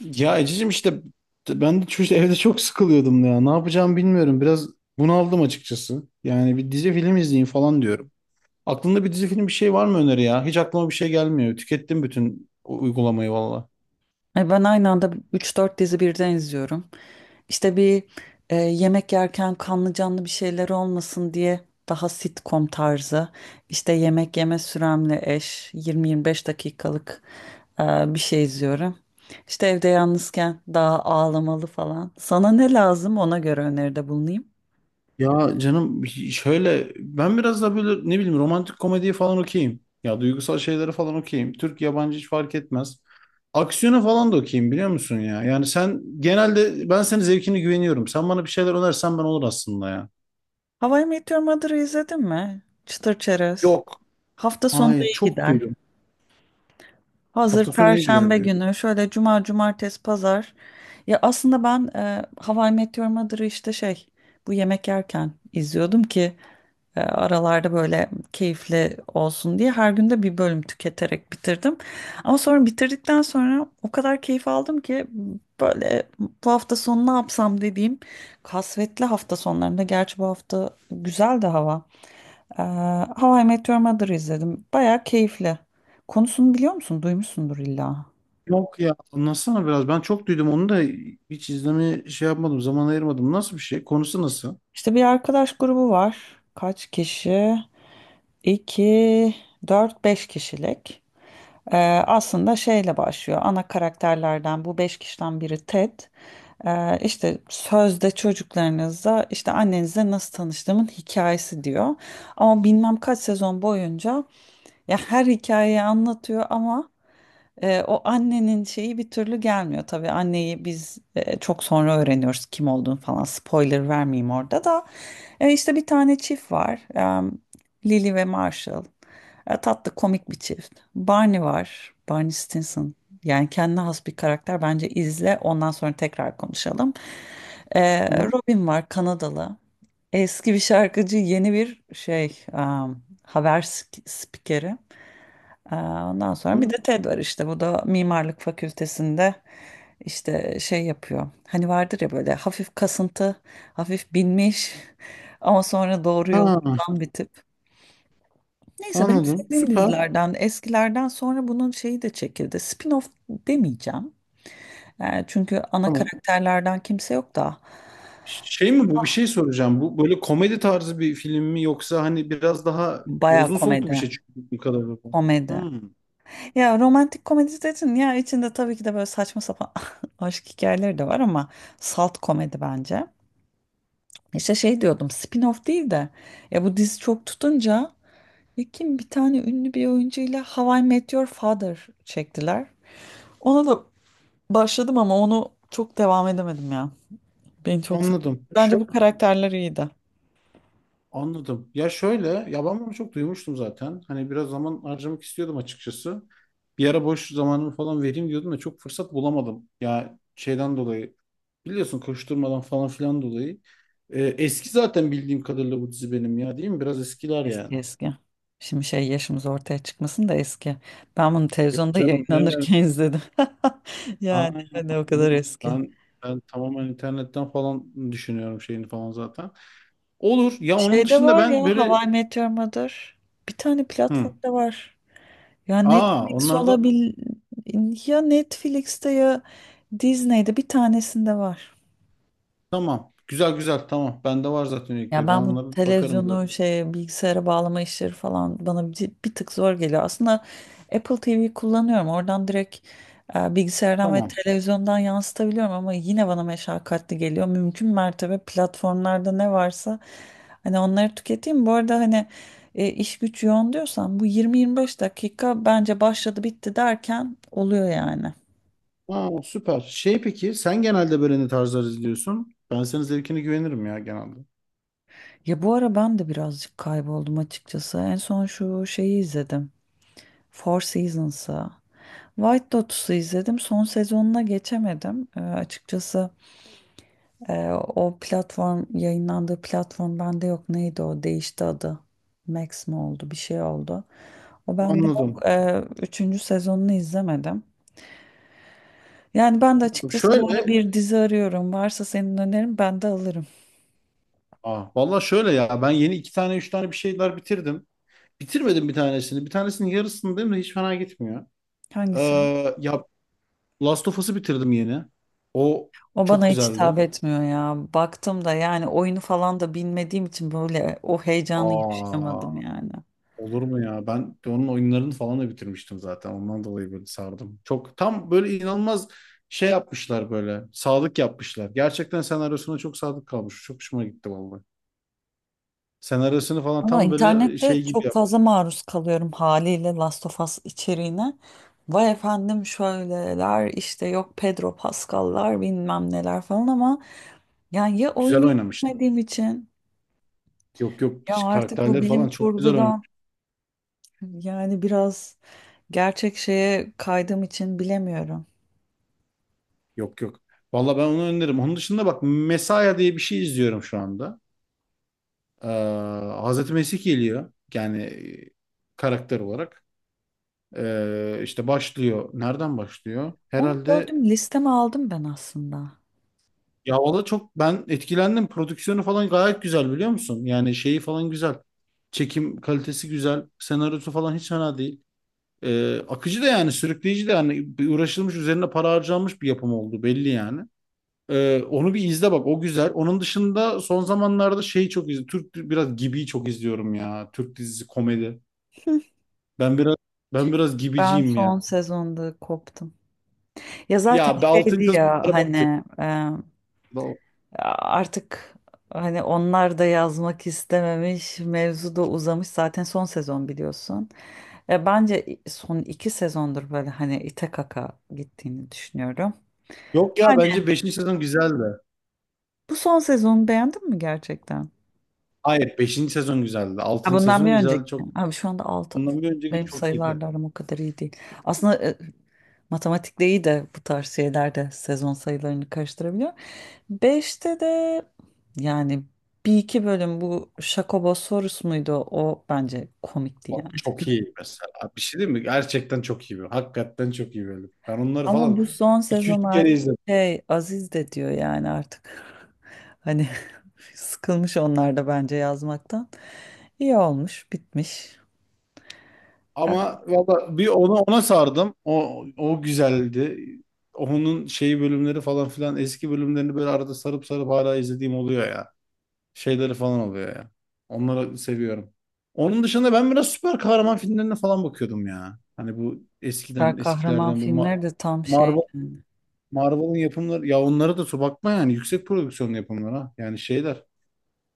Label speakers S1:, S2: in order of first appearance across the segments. S1: Ya Ececiğim işte ben de çocuk evde çok sıkılıyordum ya. Ne yapacağımı bilmiyorum. Biraz bunaldım açıkçası. Yani bir dizi film izleyeyim falan diyorum. Aklında bir dizi film bir şey var mı öneri ya? Hiç aklıma bir şey gelmiyor. Tükettim bütün uygulamayı valla.
S2: Ben aynı anda üç dört dizi birden izliyorum. İşte bir yemek yerken kanlı canlı bir şeyler olmasın diye daha sitcom tarzı. İşte yemek yeme süremle eş 20-25 dakikalık e, bir şey izliyorum. İşte evde yalnızken daha ağlamalı falan. Sana ne lazım, ona göre öneride bulunayım.
S1: Ya canım şöyle ben biraz da böyle ne bileyim romantik komediyi falan okuyayım. Ya duygusal şeyleri falan okuyayım. Türk yabancı hiç fark etmez. Aksiyona falan da okuyayım biliyor musun ya? Yani sen genelde ben senin zevkine güveniyorum. Sen bana bir şeyler önersen ben olur aslında ya.
S2: How I Met Your Mother'ı izledin mi? Çıtır çerez.
S1: Yok.
S2: Hafta sonunda
S1: Hayır,
S2: iyi
S1: çok
S2: gider.
S1: duydum.
S2: Hazır
S1: Hafta sonu iyi gider
S2: Perşembe
S1: diyor.
S2: günü, şöyle cuma, cumartesi, pazar. Ya aslında ben How I Met Your Mother'ı işte şey, bu yemek yerken izliyordum ki aralarda böyle keyifli olsun diye her gün de bir bölüm tüketerek bitirdim. Ama sonra bitirdikten sonra o kadar keyif aldım ki, böyle bu hafta sonu ne yapsam dediğim kasvetli hafta sonlarında, gerçi bu hafta güzel de hava. E, How I Met Your Mother'ı izledim. Bayağı keyifli. Konusunu biliyor musun? Duymuşsundur illa.
S1: Yok ya, anlatsana biraz. Ben çok duydum onu da hiç izleme şey yapmadım. Zaman ayırmadım. Nasıl bir şey? Konusu nasıl?
S2: İşte bir arkadaş grubu var. Kaç kişi? 2, 4, 5 kişilik. Ee, Aslında şeyle başlıyor. Ana karakterlerden, bu beş kişiden biri Ted. İşte sözde çocuklarınızla, işte annenizle nasıl tanıştığımın hikayesi diyor. Ama bilmem kaç sezon boyunca ya her hikayeyi anlatıyor ama o annenin şeyi bir türlü gelmiyor tabii. Anneyi biz çok sonra öğreniyoruz kim olduğunu falan. Spoiler vermeyeyim orada da. İşte bir tane çift var. Lily ve Marshall. Tatlı komik bir çift. Barney var. Barney Stinson. Yani kendine has bir karakter. Bence izle. Ondan sonra tekrar konuşalım. E,
S1: Hı hı.
S2: Robin var, Kanadalı. Eski bir şarkıcı, yeni bir şey, e, haber spikeri. Ondan sonra bir de Ted var, işte bu da mimarlık fakültesinde işte şey yapıyor. Hani vardır ya böyle hafif kasıntı, hafif binmiş ama sonra doğru
S1: Ha,
S2: yolu bulan bir tip. Neyse, benim
S1: anladım.
S2: sevdiğim
S1: Süper.
S2: dizilerden, eskilerden sonra bunun şeyi de çekildi. Spin-off demeyeceğim. Çünkü ana
S1: Tamam.
S2: karakterlerden kimse yok da
S1: Şey mi bu? Bir şey soracağım. Bu böyle komedi tarzı bir film mi yoksa hani biraz daha ya
S2: baya
S1: uzun soluklu
S2: komedi.
S1: bir şey çünkü bu kadar.
S2: Komedi.
S1: Hı.
S2: Ya, romantik komedi dedin ya, içinde tabii ki de böyle saçma sapan aşk hikayeleri de var ama salt komedi bence. İşte şey diyordum, spin-off değil de, ya bu dizi çok tutunca, ya kim bir tane ünlü bir oyuncuyla How I Met Your Father çektiler. Ona da başladım ama onu çok devam edemedim ya. Beni çok sardı.
S1: Anladım.
S2: Bence bu karakterler iyiydi.
S1: Anladım. Ya şöyle, ya ben bunu çok duymuştum zaten. Hani biraz zaman harcamak istiyordum açıkçası. Bir ara boş zamanımı falan vereyim diyordum da çok fırsat bulamadım. Ya şeyden dolayı biliyorsun, koşturmadan falan filan dolayı. Eski zaten bildiğim kadarıyla bu dizi benim ya, değil mi? Biraz eskiler yani.
S2: Eski eski. Şimdi şey, yaşımız ortaya çıkmasın da, eski. Ben bunu
S1: Yok
S2: televizyonda
S1: canım, ne önemli.
S2: yayınlanırken izledim.
S1: Aa,
S2: Yani hani o kadar
S1: yok.
S2: eski.
S1: Ben, ben tamamen internetten falan düşünüyorum şeyini falan zaten. Olur. Ya onun
S2: Şey de
S1: dışında
S2: var ya,
S1: ben böyle...
S2: How I Mother. Bir tane
S1: Hı.
S2: platformda var. Ya
S1: Aa,
S2: Netflix
S1: onlarda.
S2: olabil ya Netflix'te ya Disney'de, bir tanesinde var.
S1: Tamam. Güzel güzel, tamam. Bende var zaten
S2: Ya
S1: üyelikleri. Ben
S2: ben bu
S1: onlara bakarım zaten.
S2: televizyonu şey, bilgisayara bağlama işleri falan bana bir tık zor geliyor. Aslında Apple TV kullanıyorum. Oradan direkt bilgisayardan ve
S1: Tamam.
S2: televizyondan yansıtabiliyorum ama yine bana meşakkatli geliyor. Mümkün mertebe platformlarda ne varsa, hani onları tüketeyim. Bu arada, hani iş güç yoğun diyorsan, bu 20-25 dakika bence başladı bitti derken oluyor yani.
S1: Aa, süper. Şey, peki sen genelde böyle ne tarzlar izliyorsun? Ben senin zevkine güvenirim ya genelde.
S2: Ya bu ara ben de birazcık kayboldum açıkçası. En son şu şeyi izledim. Four Seasons'ı. White Lotus'u izledim. Son sezonuna geçemedim. Açıkçası o platform, yayınlandığı platform bende yok. Neydi o? Değişti adı. Max mi oldu? Bir şey oldu. O bende
S1: Anladım.
S2: yok. Üçüncü sezonunu izlemedim. Yani ben de açıkçası bu ara
S1: Şöyle.
S2: bir dizi arıyorum. Varsa senin önerin, ben de alırım.
S1: Aa, vallahi şöyle ya. Ben yeni iki tane üç tane bir şeyler bitirdim. Bitirmedim bir tanesini. Bir tanesinin yarısındayım da hiç fena gitmiyor.
S2: Hangisi?
S1: Ya, Last of Us'ı bitirdim yeni. O
S2: O bana
S1: çok
S2: hiç
S1: güzeldi.
S2: hitap etmiyor ya. Baktım da, yani oyunu falan da bilmediğim için böyle o heyecanı
S1: Aa,
S2: yaşayamadım yani.
S1: olur mu ya? Ben onun oyunlarını falan da bitirmiştim zaten. Ondan dolayı böyle sardım. Çok tam böyle inanılmaz şey yapmışlar böyle. Sadık yapmışlar. Gerçekten senaryosuna çok sadık kalmış. Çok hoşuma gitti vallahi. Senaryosunu falan
S2: Ama
S1: tam böyle
S2: internette
S1: şey gibi
S2: çok
S1: yap.
S2: fazla maruz kalıyorum haliyle Last of Us içeriğine. Vay efendim şöyleler, işte yok Pedro Pascal'lar, bilmem neler falan ama yani, ya
S1: Güzel
S2: oyunu
S1: oynamışlar.
S2: izlemediğim için,
S1: Yok yok,
S2: ya artık bu
S1: karakterleri
S2: bilim
S1: falan çok güzel
S2: kurgudan,
S1: oynamış.
S2: yani biraz gerçek şeye kaydığım için bilemiyorum.
S1: Yok yok. Vallahi ben onu öneririm. Onun dışında bak, Mesaya diye bir şey izliyorum şu anda. Ee, Hazreti Mesih geliyor. Yani karakter olarak. İşte başlıyor. Nereden başlıyor?
S2: Onu
S1: Herhalde.
S2: gördüm, listeme aldım ben aslında.
S1: Ya valla çok ben etkilendim. Prodüksiyonu falan gayet güzel, biliyor musun? Yani şeyi falan güzel. Çekim kalitesi güzel. Senaryosu falan hiç fena değil. Akıcı da yani, sürükleyici de yani, bir uğraşılmış, üzerine para harcanmış bir yapım oldu belli yani. Onu bir izle bak, o güzel. Onun dışında son zamanlarda şeyi çok izliyorum. Türk biraz, Gibi'yi çok izliyorum ya. Türk dizisi komedi. Ben biraz ben biraz
S2: Ben
S1: Gibiciyim
S2: son
S1: ya.
S2: sezonda koptum. Ya zaten
S1: Ya be, 6.
S2: şeydi ya,
S1: sezon battı.
S2: hani artık, hani onlar da yazmak istememiş, mevzu da uzamış. Zaten son sezon, biliyorsun. Bence son iki sezondur böyle hani ite kaka gittiğini düşünüyorum.
S1: Yok ya, bence
S2: Aynen.
S1: beşinci sezon güzeldi.
S2: Bu son sezonu beğendin mi gerçekten?
S1: Hayır, beşinci sezon güzeldi.
S2: Ha,
S1: Altıncı
S2: bundan
S1: sezon
S2: bir önceki.
S1: güzeldi. Çok,
S2: Abi şu anda 6.
S1: ondan bir önceki
S2: Benim
S1: çok iyiydi.
S2: sayılarla aram o kadar iyi değil. Aslında matematikte iyi de bu tarz şeylerde sezon sayılarını karıştırabiliyor. Beşte de, yani bir iki bölüm, bu Şakobo sorusu muydu? O bence komikti
S1: Bak,
S2: yani.
S1: çok iyi mesela. Bir şey değil mi? Gerçekten çok iyi. Hakikaten çok iyi bir bölüm. Ben onları
S2: Ama
S1: falan
S2: bu son
S1: iki
S2: sezon
S1: üç kere
S2: artık
S1: izledim.
S2: şey, Aziz de diyor yani artık. Hani sıkılmış onlar da bence yazmaktan. İyi olmuş, bitmiş.
S1: Ama valla bir ona sardım. O güzeldi. Onun şeyi, bölümleri falan filan, eski bölümlerini böyle arada sarıp sarıp hala izlediğim oluyor ya. Şeyleri falan oluyor ya. Onları seviyorum. Onun dışında ben biraz süper kahraman filmlerine falan bakıyordum ya. Hani bu eskiden,
S2: Süper kahraman
S1: eskilerden bu
S2: filmleri de tam şey
S1: Marvel
S2: yani.
S1: Marvel'ın yapımları ya, onlara da su bakma yani, yüksek prodüksiyon yapımlar ha. Yani şeyler,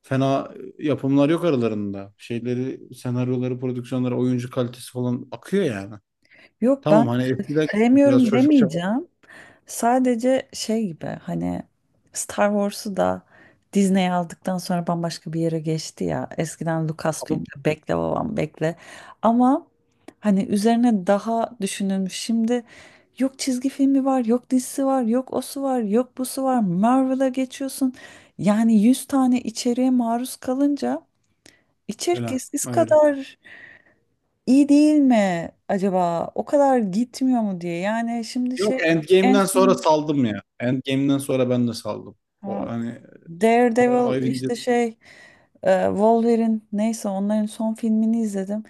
S1: fena yapımlar yok aralarında. Şeyleri, senaryoları, prodüksiyonları, oyuncu kalitesi falan akıyor yani.
S2: Yok, ben
S1: Tamam, hani eskiden biraz
S2: sevmiyorum
S1: çocukça
S2: demeyeceğim. Sadece şey gibi, hani Star Wars'u da Disney aldıktan sonra bambaşka bir yere geçti ya. Eskiden
S1: ama
S2: Lucasfilm'de, bekle babam bekle. Ama hani üzerine daha düşünülmüş. Şimdi yok çizgi filmi var, yok dizisi var, yok osu var, yok busu var. Marvel'a geçiyorsun. Yani 100 tane içeriğe maruz kalınca, içerik
S1: öyle
S2: eskisi
S1: öyle.
S2: kadar iyi değil mi acaba? O kadar gitmiyor mu diye. Yani şimdi şey,
S1: Yok,
S2: en
S1: Endgame'den sonra
S2: son,
S1: saldım ya. Endgame'den sonra ben de saldım. O
S2: ha,
S1: hani, o
S2: Daredevil,
S1: ayrıca
S2: işte şey, Wolverine, neyse, onların son filmini izledim.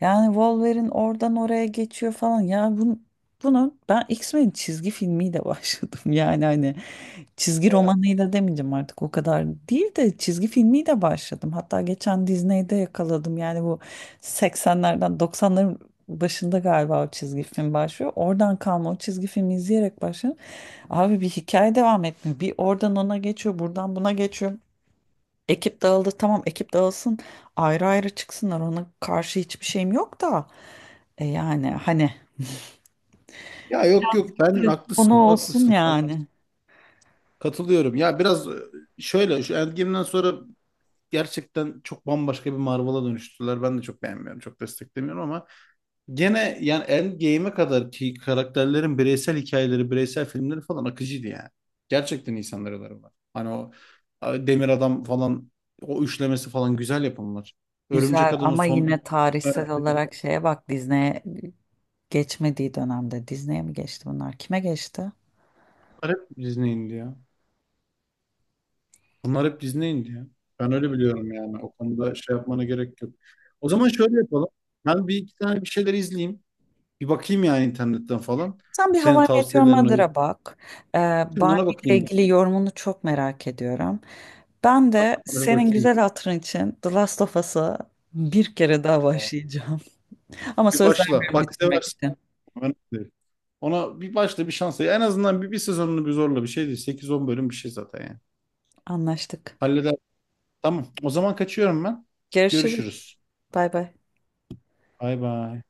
S2: Yani Wolverine oradan oraya geçiyor falan. Ya bunu ben X-Men çizgi filmiyle başladım. Yani hani, çizgi romanıyla demeyeceğim artık, o kadar değil de, çizgi filmiyle başladım. Hatta geçen Disney'de yakaladım. Yani bu 80'lerden 90'ların başında galiba o çizgi film başlıyor. Oradan kalma, o çizgi filmi izleyerek başladım. Abi bir hikaye devam etmiyor. Bir oradan ona geçiyor, buradan buna geçiyor. Ekip dağıldı, tamam, ekip dağılsın, ayrı ayrı çıksınlar, ona karşı hiçbir şeyim yok da yani hani
S1: ya, yok yok ben
S2: konu
S1: haklısın
S2: olsun
S1: haklısın
S2: yani.
S1: katılıyorum. Ya biraz şöyle şu Endgame'den sonra gerçekten çok bambaşka bir Marvel'a dönüştüler. Ben de çok beğenmiyorum, çok desteklemiyorum ama gene yani Endgame'e kadar ki karakterlerin bireysel hikayeleri, bireysel filmleri falan akıcıydı yani. Gerçekten insanları var. Hani o Demir Adam falan, o üçlemesi falan güzel yapımlar. Örümcek
S2: Güzel,
S1: Adam'ın
S2: ama
S1: son iki
S2: yine
S1: tane,
S2: tarihsel olarak şeye bak, Disney'e geçmediği dönemde. Disney'e mi geçti bunlar? Kime geçti?
S1: bunlar hep Disney'indi ya. Bunlar hep Disney'indi ya. Ben öyle biliyorum yani. O konuda şey yapmana gerek yok. O zaman şöyle yapalım. Ben bir iki tane bir şeyler izleyeyim. Bir bakayım yani, internetten falan.
S2: Sen bir
S1: Senin
S2: hava I Met Your
S1: tavsiyelerine uygun.
S2: Mother'a bak. Ee,
S1: Ona
S2: Barney ile
S1: bakayım.
S2: ilgili yorumunu çok merak ediyorum. Ben
S1: Tamam,
S2: de
S1: ona
S2: senin
S1: bakayım.
S2: güzel hatırın için The Last of Us'a bir kere daha başlayacağım. Ama
S1: Bir
S2: söz
S1: başla.
S2: vermiyorum
S1: Bak
S2: bitirmek
S1: seversin.
S2: için.
S1: Önemli değil. Ona bir başla, bir şans ver. En azından bir sezonunu bir zorla, bir şey değil, sekiz on bölüm bir şey zaten yani.
S2: Anlaştık.
S1: Halleder. Tamam. O zaman kaçıyorum ben.
S2: Görüşürüz.
S1: Görüşürüz.
S2: Bay bay.
S1: Bay bay.